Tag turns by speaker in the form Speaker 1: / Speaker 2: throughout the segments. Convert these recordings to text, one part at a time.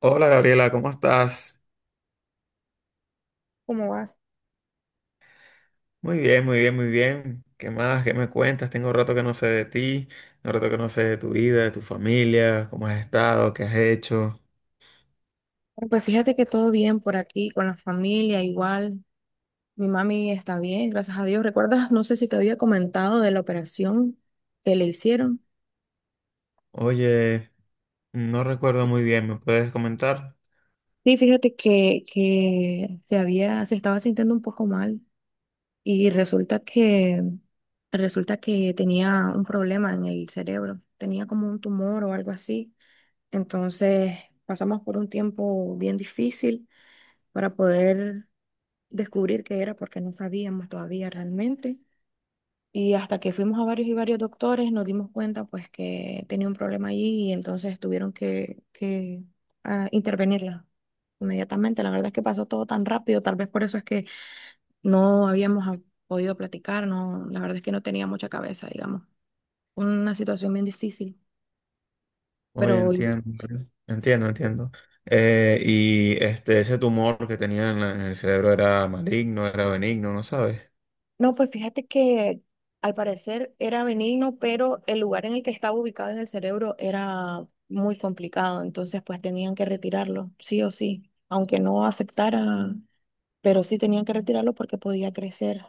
Speaker 1: Hola Gabriela, ¿cómo estás?
Speaker 2: ¿Cómo vas?
Speaker 1: Muy bien, muy bien, muy bien. ¿Qué más? ¿Qué me cuentas? Tengo un rato que no sé de ti, un rato que no sé de tu vida, de tu familia, cómo has estado, qué has hecho.
Speaker 2: Bueno, pues fíjate que todo bien por aquí, con la familia, igual. Mi mami está bien, gracias a Dios. ¿Recuerdas? No sé si te había comentado de la operación que le hicieron.
Speaker 1: Oye, no recuerdo muy
Speaker 2: Sí,
Speaker 1: bien, ¿me puedes comentar?
Speaker 2: fíjate que se estaba sintiendo un poco mal y resulta que tenía un problema en el cerebro. Tenía como un tumor o algo así. Entonces pasamos por un tiempo bien difícil para poder descubrir qué era porque no sabíamos todavía realmente. Y hasta que fuimos a varios y varios doctores nos dimos cuenta pues que tenía un problema allí y entonces tuvieron que intervenirla inmediatamente. La verdad es que pasó todo tan rápido, tal vez por eso es que no habíamos podido platicar, no, la verdad es que no tenía mucha cabeza, digamos. Una situación bien difícil,
Speaker 1: Oye,
Speaker 2: pero.
Speaker 1: entiendo, entiendo, entiendo. Ese tumor que tenía en, en el cerebro era maligno, era benigno, ¿no sabes?
Speaker 2: No, pues fíjate que al parecer era benigno, pero el lugar en el que estaba ubicado en el cerebro era muy complicado, entonces pues tenían que retirarlo, sí o sí, aunque no afectara, pero sí tenían que retirarlo porque podía crecer.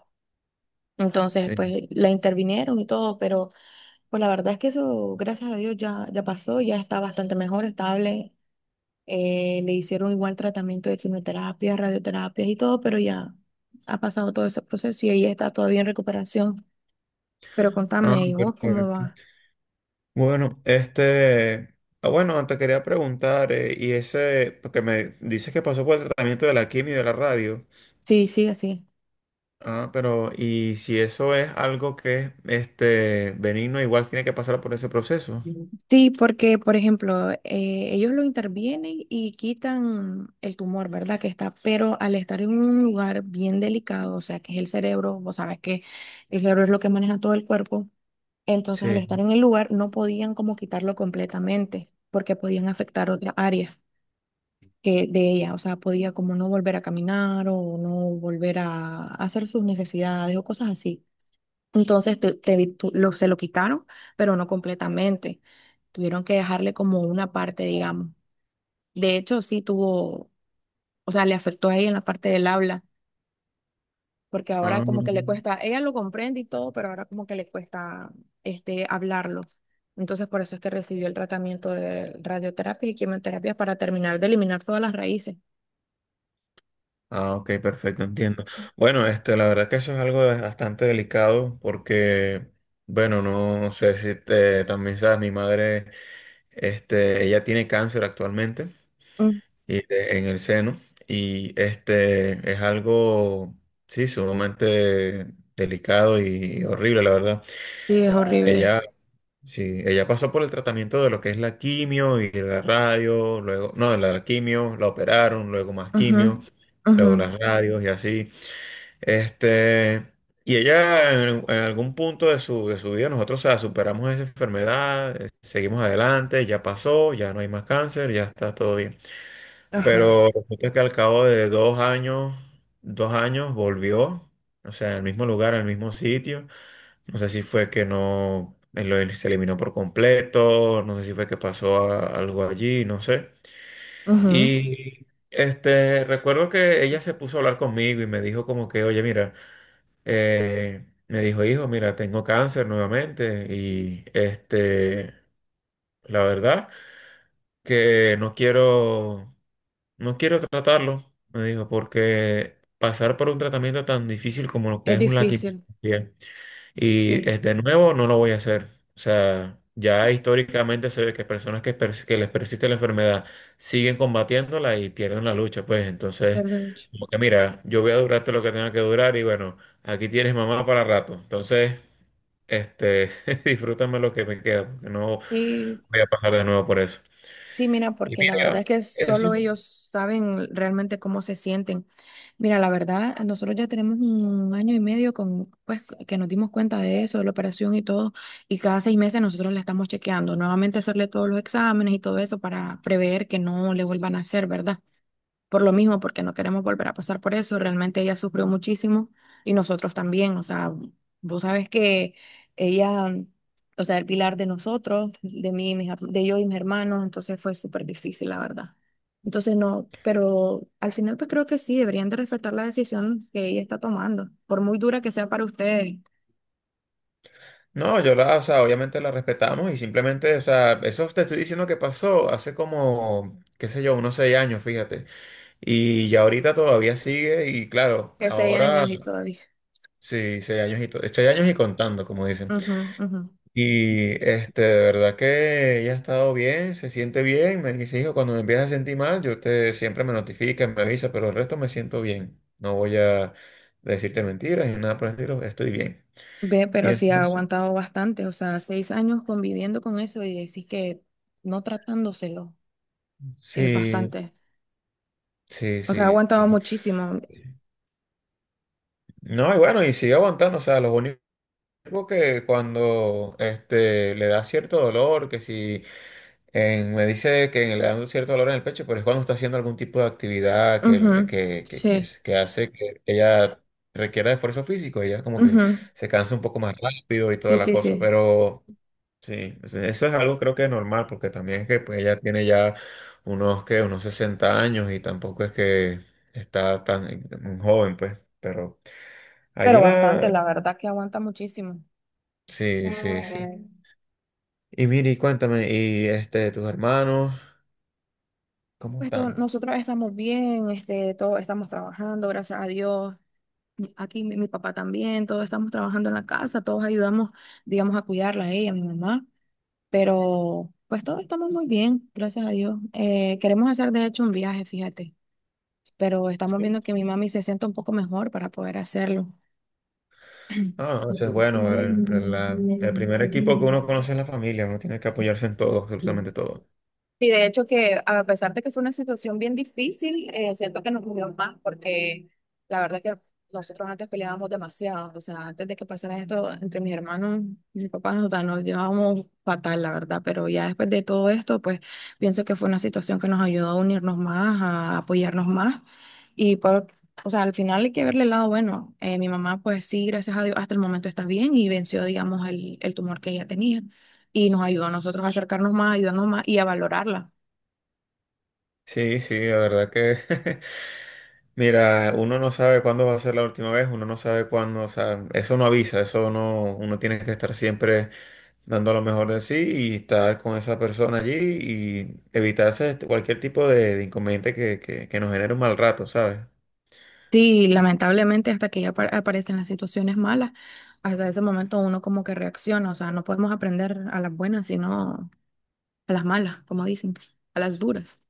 Speaker 2: Entonces
Speaker 1: Sí.
Speaker 2: pues la intervinieron y todo, pero pues la verdad es que eso, gracias a Dios, ya pasó, ya está bastante mejor, estable. Le hicieron igual tratamiento de quimioterapia, radioterapias y todo, pero ya ha pasado todo ese proceso y ella está todavía en recuperación. Pero
Speaker 1: Ah,
Speaker 2: contame, ¿y vos cómo
Speaker 1: perfecto.
Speaker 2: va?
Speaker 1: Bueno, bueno, te quería preguntar, y ese, porque me dices que pasó por el tratamiento de la quimio y de la radio,
Speaker 2: Sí, sí, así.
Speaker 1: ah, pero, y si eso es algo que benigno, igual tiene que pasar por ese proceso.
Speaker 2: Ujú. Sí, porque, por ejemplo, ellos lo intervienen y quitan el tumor, ¿verdad? Que está, pero al estar en un lugar bien delicado, o sea, que es el cerebro, vos sabes que el cerebro es lo que maneja todo el cuerpo, entonces al estar
Speaker 1: Sí.
Speaker 2: en el lugar no podían como quitarlo completamente, porque podían afectar otra área que de ella, o sea, podía como no volver a caminar o no volver a hacer sus necesidades o cosas así. Entonces te- te vi- tu- lo, se lo quitaron, pero no completamente. Tuvieron que dejarle como una parte, digamos. De hecho, sí tuvo, o sea, le afectó a ella en la parte del habla, porque ahora
Speaker 1: Ah,
Speaker 2: como que le cuesta, ella lo comprende y todo, pero ahora como que le cuesta hablarlo. Entonces, por eso es que recibió el tratamiento de radioterapia y quimioterapia para terminar de eliminar todas las raíces.
Speaker 1: ok, perfecto,
Speaker 2: Ujú.
Speaker 1: entiendo. Bueno, la verdad que eso es bastante delicado, porque, bueno, no sé si te, también sabes, mi madre, ella tiene cáncer actualmente.
Speaker 2: Mm.
Speaker 1: Y en el seno. Y este es algo, sí, sumamente delicado y horrible, la verdad.
Speaker 2: Sí, es horrible.
Speaker 1: Ella, sí, ella pasó por el tratamiento de lo que es la quimio y la radio, luego, no, la quimio, la operaron, luego más
Speaker 2: Ujú,
Speaker 1: quimio,
Speaker 2: ujú,
Speaker 1: luego las radios y así. Este, y ella en algún punto de su vida, nosotros, o sea, superamos esa enfermedad, seguimos adelante, ya pasó, ya no hay más cáncer, ya está todo bien.
Speaker 2: ajá,
Speaker 1: Pero resulta que al cabo de 2 años, 2 años volvió, o sea, al mismo lugar, al mismo sitio. No sé si fue que no, él se eliminó por completo, no sé si fue que algo allí, no sé.
Speaker 2: ujú.
Speaker 1: Y recuerdo que ella se puso a hablar conmigo y me dijo como que, oye, mira, me dijo, hijo, mira, tengo cáncer nuevamente y la verdad que no quiero. No quiero tratarlo, me dijo, porque pasar por un tratamiento tan difícil como lo que
Speaker 2: Es
Speaker 1: es un la
Speaker 2: difícil,
Speaker 1: quimioterapia
Speaker 2: sí,
Speaker 1: y es de nuevo, no lo voy a hacer. O sea, ya históricamente se ve que personas que, que les persiste la enfermedad siguen combatiéndola y pierden la lucha, pues entonces,
Speaker 2: pierde mucho.
Speaker 1: como que mira, yo voy a durarte lo que tenga que durar y bueno, aquí tienes mamá para rato. Entonces, este, disfrútame lo que me queda, porque no
Speaker 2: Sí,
Speaker 1: voy a pasar de nuevo por eso.
Speaker 2: sí, mira,
Speaker 1: Y
Speaker 2: porque la verdad es
Speaker 1: mira,
Speaker 2: que
Speaker 1: eso.
Speaker 2: solo ellos saben realmente cómo se sienten. Mira, la verdad, nosotros ya tenemos un año y medio con, pues, que nos dimos cuenta de eso, de la operación y todo, y cada 6 meses nosotros la estamos chequeando, nuevamente hacerle todos los exámenes y todo eso para prever que no le vuelvan a hacer, ¿verdad? Por lo mismo, porque no queremos volver a pasar por eso. Realmente ella sufrió muchísimo y nosotros también. O sea, vos sabes que ella, o sea, el pilar de nosotros, de mí, y de yo y mis hermanos, entonces fue súper difícil, la verdad. Entonces no, pero al final pues creo que sí, deberían de respetar la decisión que ella está tomando, por muy dura que sea para ustedes.
Speaker 1: No, yo la, o sea, obviamente la respetamos y simplemente, o sea, eso te estoy diciendo que pasó hace como, qué sé yo, unos 6 años, fíjate. Y ya ahorita todavía sigue y claro,
Speaker 2: ¿Que seis
Speaker 1: ahora
Speaker 2: años y todavía?
Speaker 1: sí, 6 años y, 6 años y contando, como dicen.
Speaker 2: Ujú, ujú.
Speaker 1: Y de verdad que ella ha estado bien, se siente bien, me dice, hijo, cuando me empiezas a sentir mal, yo te siempre me notifica, me avisa, pero el resto me siento bien. No voy a decirte mentiras ni nada por el estilo, estoy bien.
Speaker 2: Ve,
Speaker 1: Y
Speaker 2: pero sí ha
Speaker 1: entonces,
Speaker 2: aguantado bastante, o sea, 6 años conviviendo con eso y decís que no tratándoselo. Eh,
Speaker 1: sí.
Speaker 2: bastante.
Speaker 1: Sí,
Speaker 2: O sea,
Speaker 1: sí.
Speaker 2: aguantaba muchísimo.
Speaker 1: No, y bueno, y sigue aguantando, o sea, los únicos que cuando le da cierto dolor, que si me dice que le da un cierto dolor en el pecho, pero es cuando está haciendo algún tipo de actividad
Speaker 2: Ujú, sí,
Speaker 1: que hace que ella requiera de esfuerzo físico, ella como que
Speaker 2: ujú,
Speaker 1: se cansa un poco más rápido y toda
Speaker 2: sí,
Speaker 1: la
Speaker 2: sí,
Speaker 1: cosa,
Speaker 2: sí.
Speaker 1: pero sí, o sea, eso es algo creo que es normal, porque también es que pues, ella tiene ya unos, que unos 60 años y tampoco es que está tan tan joven, pues, pero...
Speaker 2: Pero
Speaker 1: Allí
Speaker 2: bastante,
Speaker 1: la,
Speaker 2: la verdad que aguanta muchísimo.
Speaker 1: sí, sí,
Speaker 2: Ujú.
Speaker 1: sí. Y Miri, cuéntame, ¿y tus hermanos, cómo están?
Speaker 2: Nosotros estamos bien, este, todos estamos trabajando, gracias a Dios. Y aquí mi papá también, todos estamos trabajando en la casa, todos ayudamos, digamos, a cuidarla a ella, a mi mamá. Pero pues todos estamos muy bien, gracias a Dios. Queremos hacer de hecho un viaje, fíjate, pero estamos
Speaker 1: Sí.
Speaker 2: viendo que mi mami se sienta un poco mejor para poder hacerlo.
Speaker 1: Ah, eso es bueno,
Speaker 2: Thank
Speaker 1: el primer equipo que uno conoce es la familia, uno tiene que apoyarse en todo,
Speaker 2: you.
Speaker 1: absolutamente todo.
Speaker 2: Y de hecho que a pesar de que fue una situación bien difícil, siento que nos unió más porque la verdad que nosotros antes peleábamos demasiado, o sea, antes de que pasara esto entre mis hermanos y mi papá, o sea, nos llevábamos fatal, la verdad, pero ya después de todo esto, pues pienso que fue una situación que nos ayudó a unirnos más, a apoyarnos más y por, o sea, al final hay que verle el lado bueno. Mi mamá, pues sí, gracias a Dios, hasta el momento está bien y venció, digamos, el tumor que ella tenía y nos ayudó a nosotros a acercarnos más, a ayudarnos más y a valorarla.
Speaker 1: Sí, sí, la verdad que, mira, uno no sabe cuándo va a ser la última vez, uno no sabe cuándo, o sea, eso no avisa, eso no, uno tiene que estar siempre dando lo mejor de sí y estar con esa persona allí y evitarse cualquier tipo de inconveniente que nos genere un mal rato, ¿sabes?
Speaker 2: Sí, lamentablemente hasta que ya aparecen las situaciones malas, hasta ese momento uno como que reacciona, o sea, no podemos aprender a las buenas, sino a las malas, como dicen, a las duras.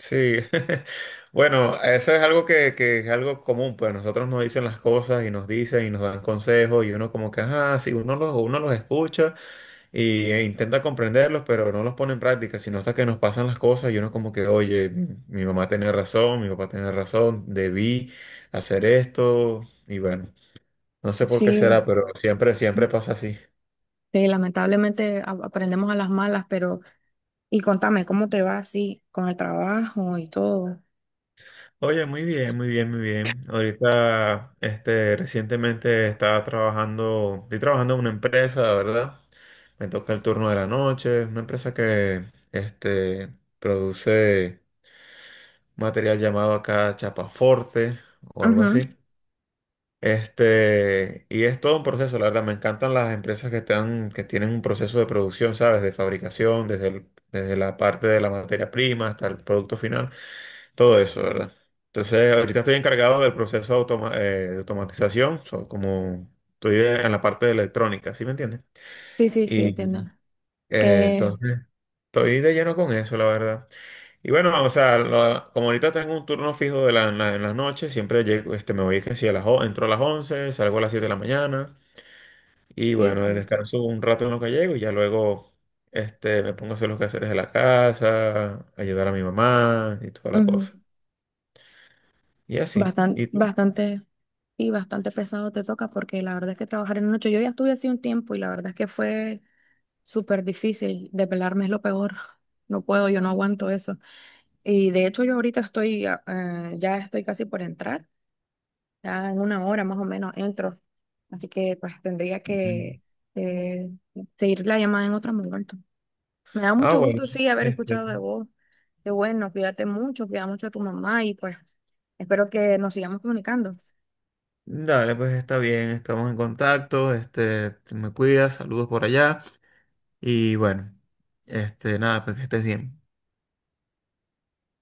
Speaker 1: Sí, bueno, eso es algo que es algo común, pues a nosotros nos dicen las cosas y nos dicen y nos dan consejos y uno como que, ajá, sí, uno los escucha y, e intenta comprenderlos, pero no los pone en práctica, sino hasta que nos pasan las cosas y uno como que, oye, mi mamá tenía razón, mi papá tenía razón, debí hacer esto y bueno, no sé por qué será,
Speaker 2: Sí.
Speaker 1: pero siempre, siempre pasa así.
Speaker 2: Sí, lamentablemente aprendemos a las malas, pero y contame, ¿cómo te va así con el trabajo y todo?
Speaker 1: Oye, muy bien, muy bien, muy bien. Ahorita, recientemente estaba trabajando, estoy trabajando en una empresa, ¿verdad? Me toca el turno de la noche, una empresa que, este, produce material llamado acá chapaforte o algo
Speaker 2: Ujú.
Speaker 1: así. Y es todo un proceso, la verdad, me encantan las empresas que están, que tienen un proceso de producción, ¿sabes? De fabricación, desde la parte de la materia prima hasta el producto final. Todo eso, ¿verdad? Entonces, ahorita estoy encargado del proceso de, de automatización, so, como en la parte de electrónica, ¿sí me entiendes?
Speaker 2: Sí, sí, sí,
Speaker 1: Y
Speaker 2: entiendo. Que,
Speaker 1: entonces, estoy de lleno con eso, la verdad. Y bueno, o sea, como ahorita tengo un turno fijo de en las noches, siempre llego, me voy que si a entro a las 11, salgo a las 7 de la mañana, y bueno,
Speaker 2: híjole,
Speaker 1: descanso un rato en lo que llego y ya luego me pongo a hacer los quehaceres de la casa, ayudar a mi mamá y toda la cosa. Y así.
Speaker 2: bastante,
Speaker 1: ¿Y tú?
Speaker 2: bastante, y bastante pesado te toca porque la verdad es que trabajar en la noche, yo ya estuve así un tiempo y la verdad es que fue súper difícil. Depelarme es lo peor. No puedo, yo no aguanto eso. Y de hecho yo ahorita estoy, ya estoy casi por entrar. Ya en una hora más o menos entro. Así que pues tendría que eh, seguir la llamada en otro momento. Me da
Speaker 1: Ah,
Speaker 2: mucho
Speaker 1: bueno.
Speaker 2: gusto, sí, haber
Speaker 1: Este,
Speaker 2: escuchado de vos. Qué bueno, cuídate mucho, cuida mucho a tu mamá y pues espero que nos sigamos comunicando.
Speaker 1: dale, pues está bien, estamos en contacto, te me cuidas, saludos por allá y bueno, nada, pues que estés bien.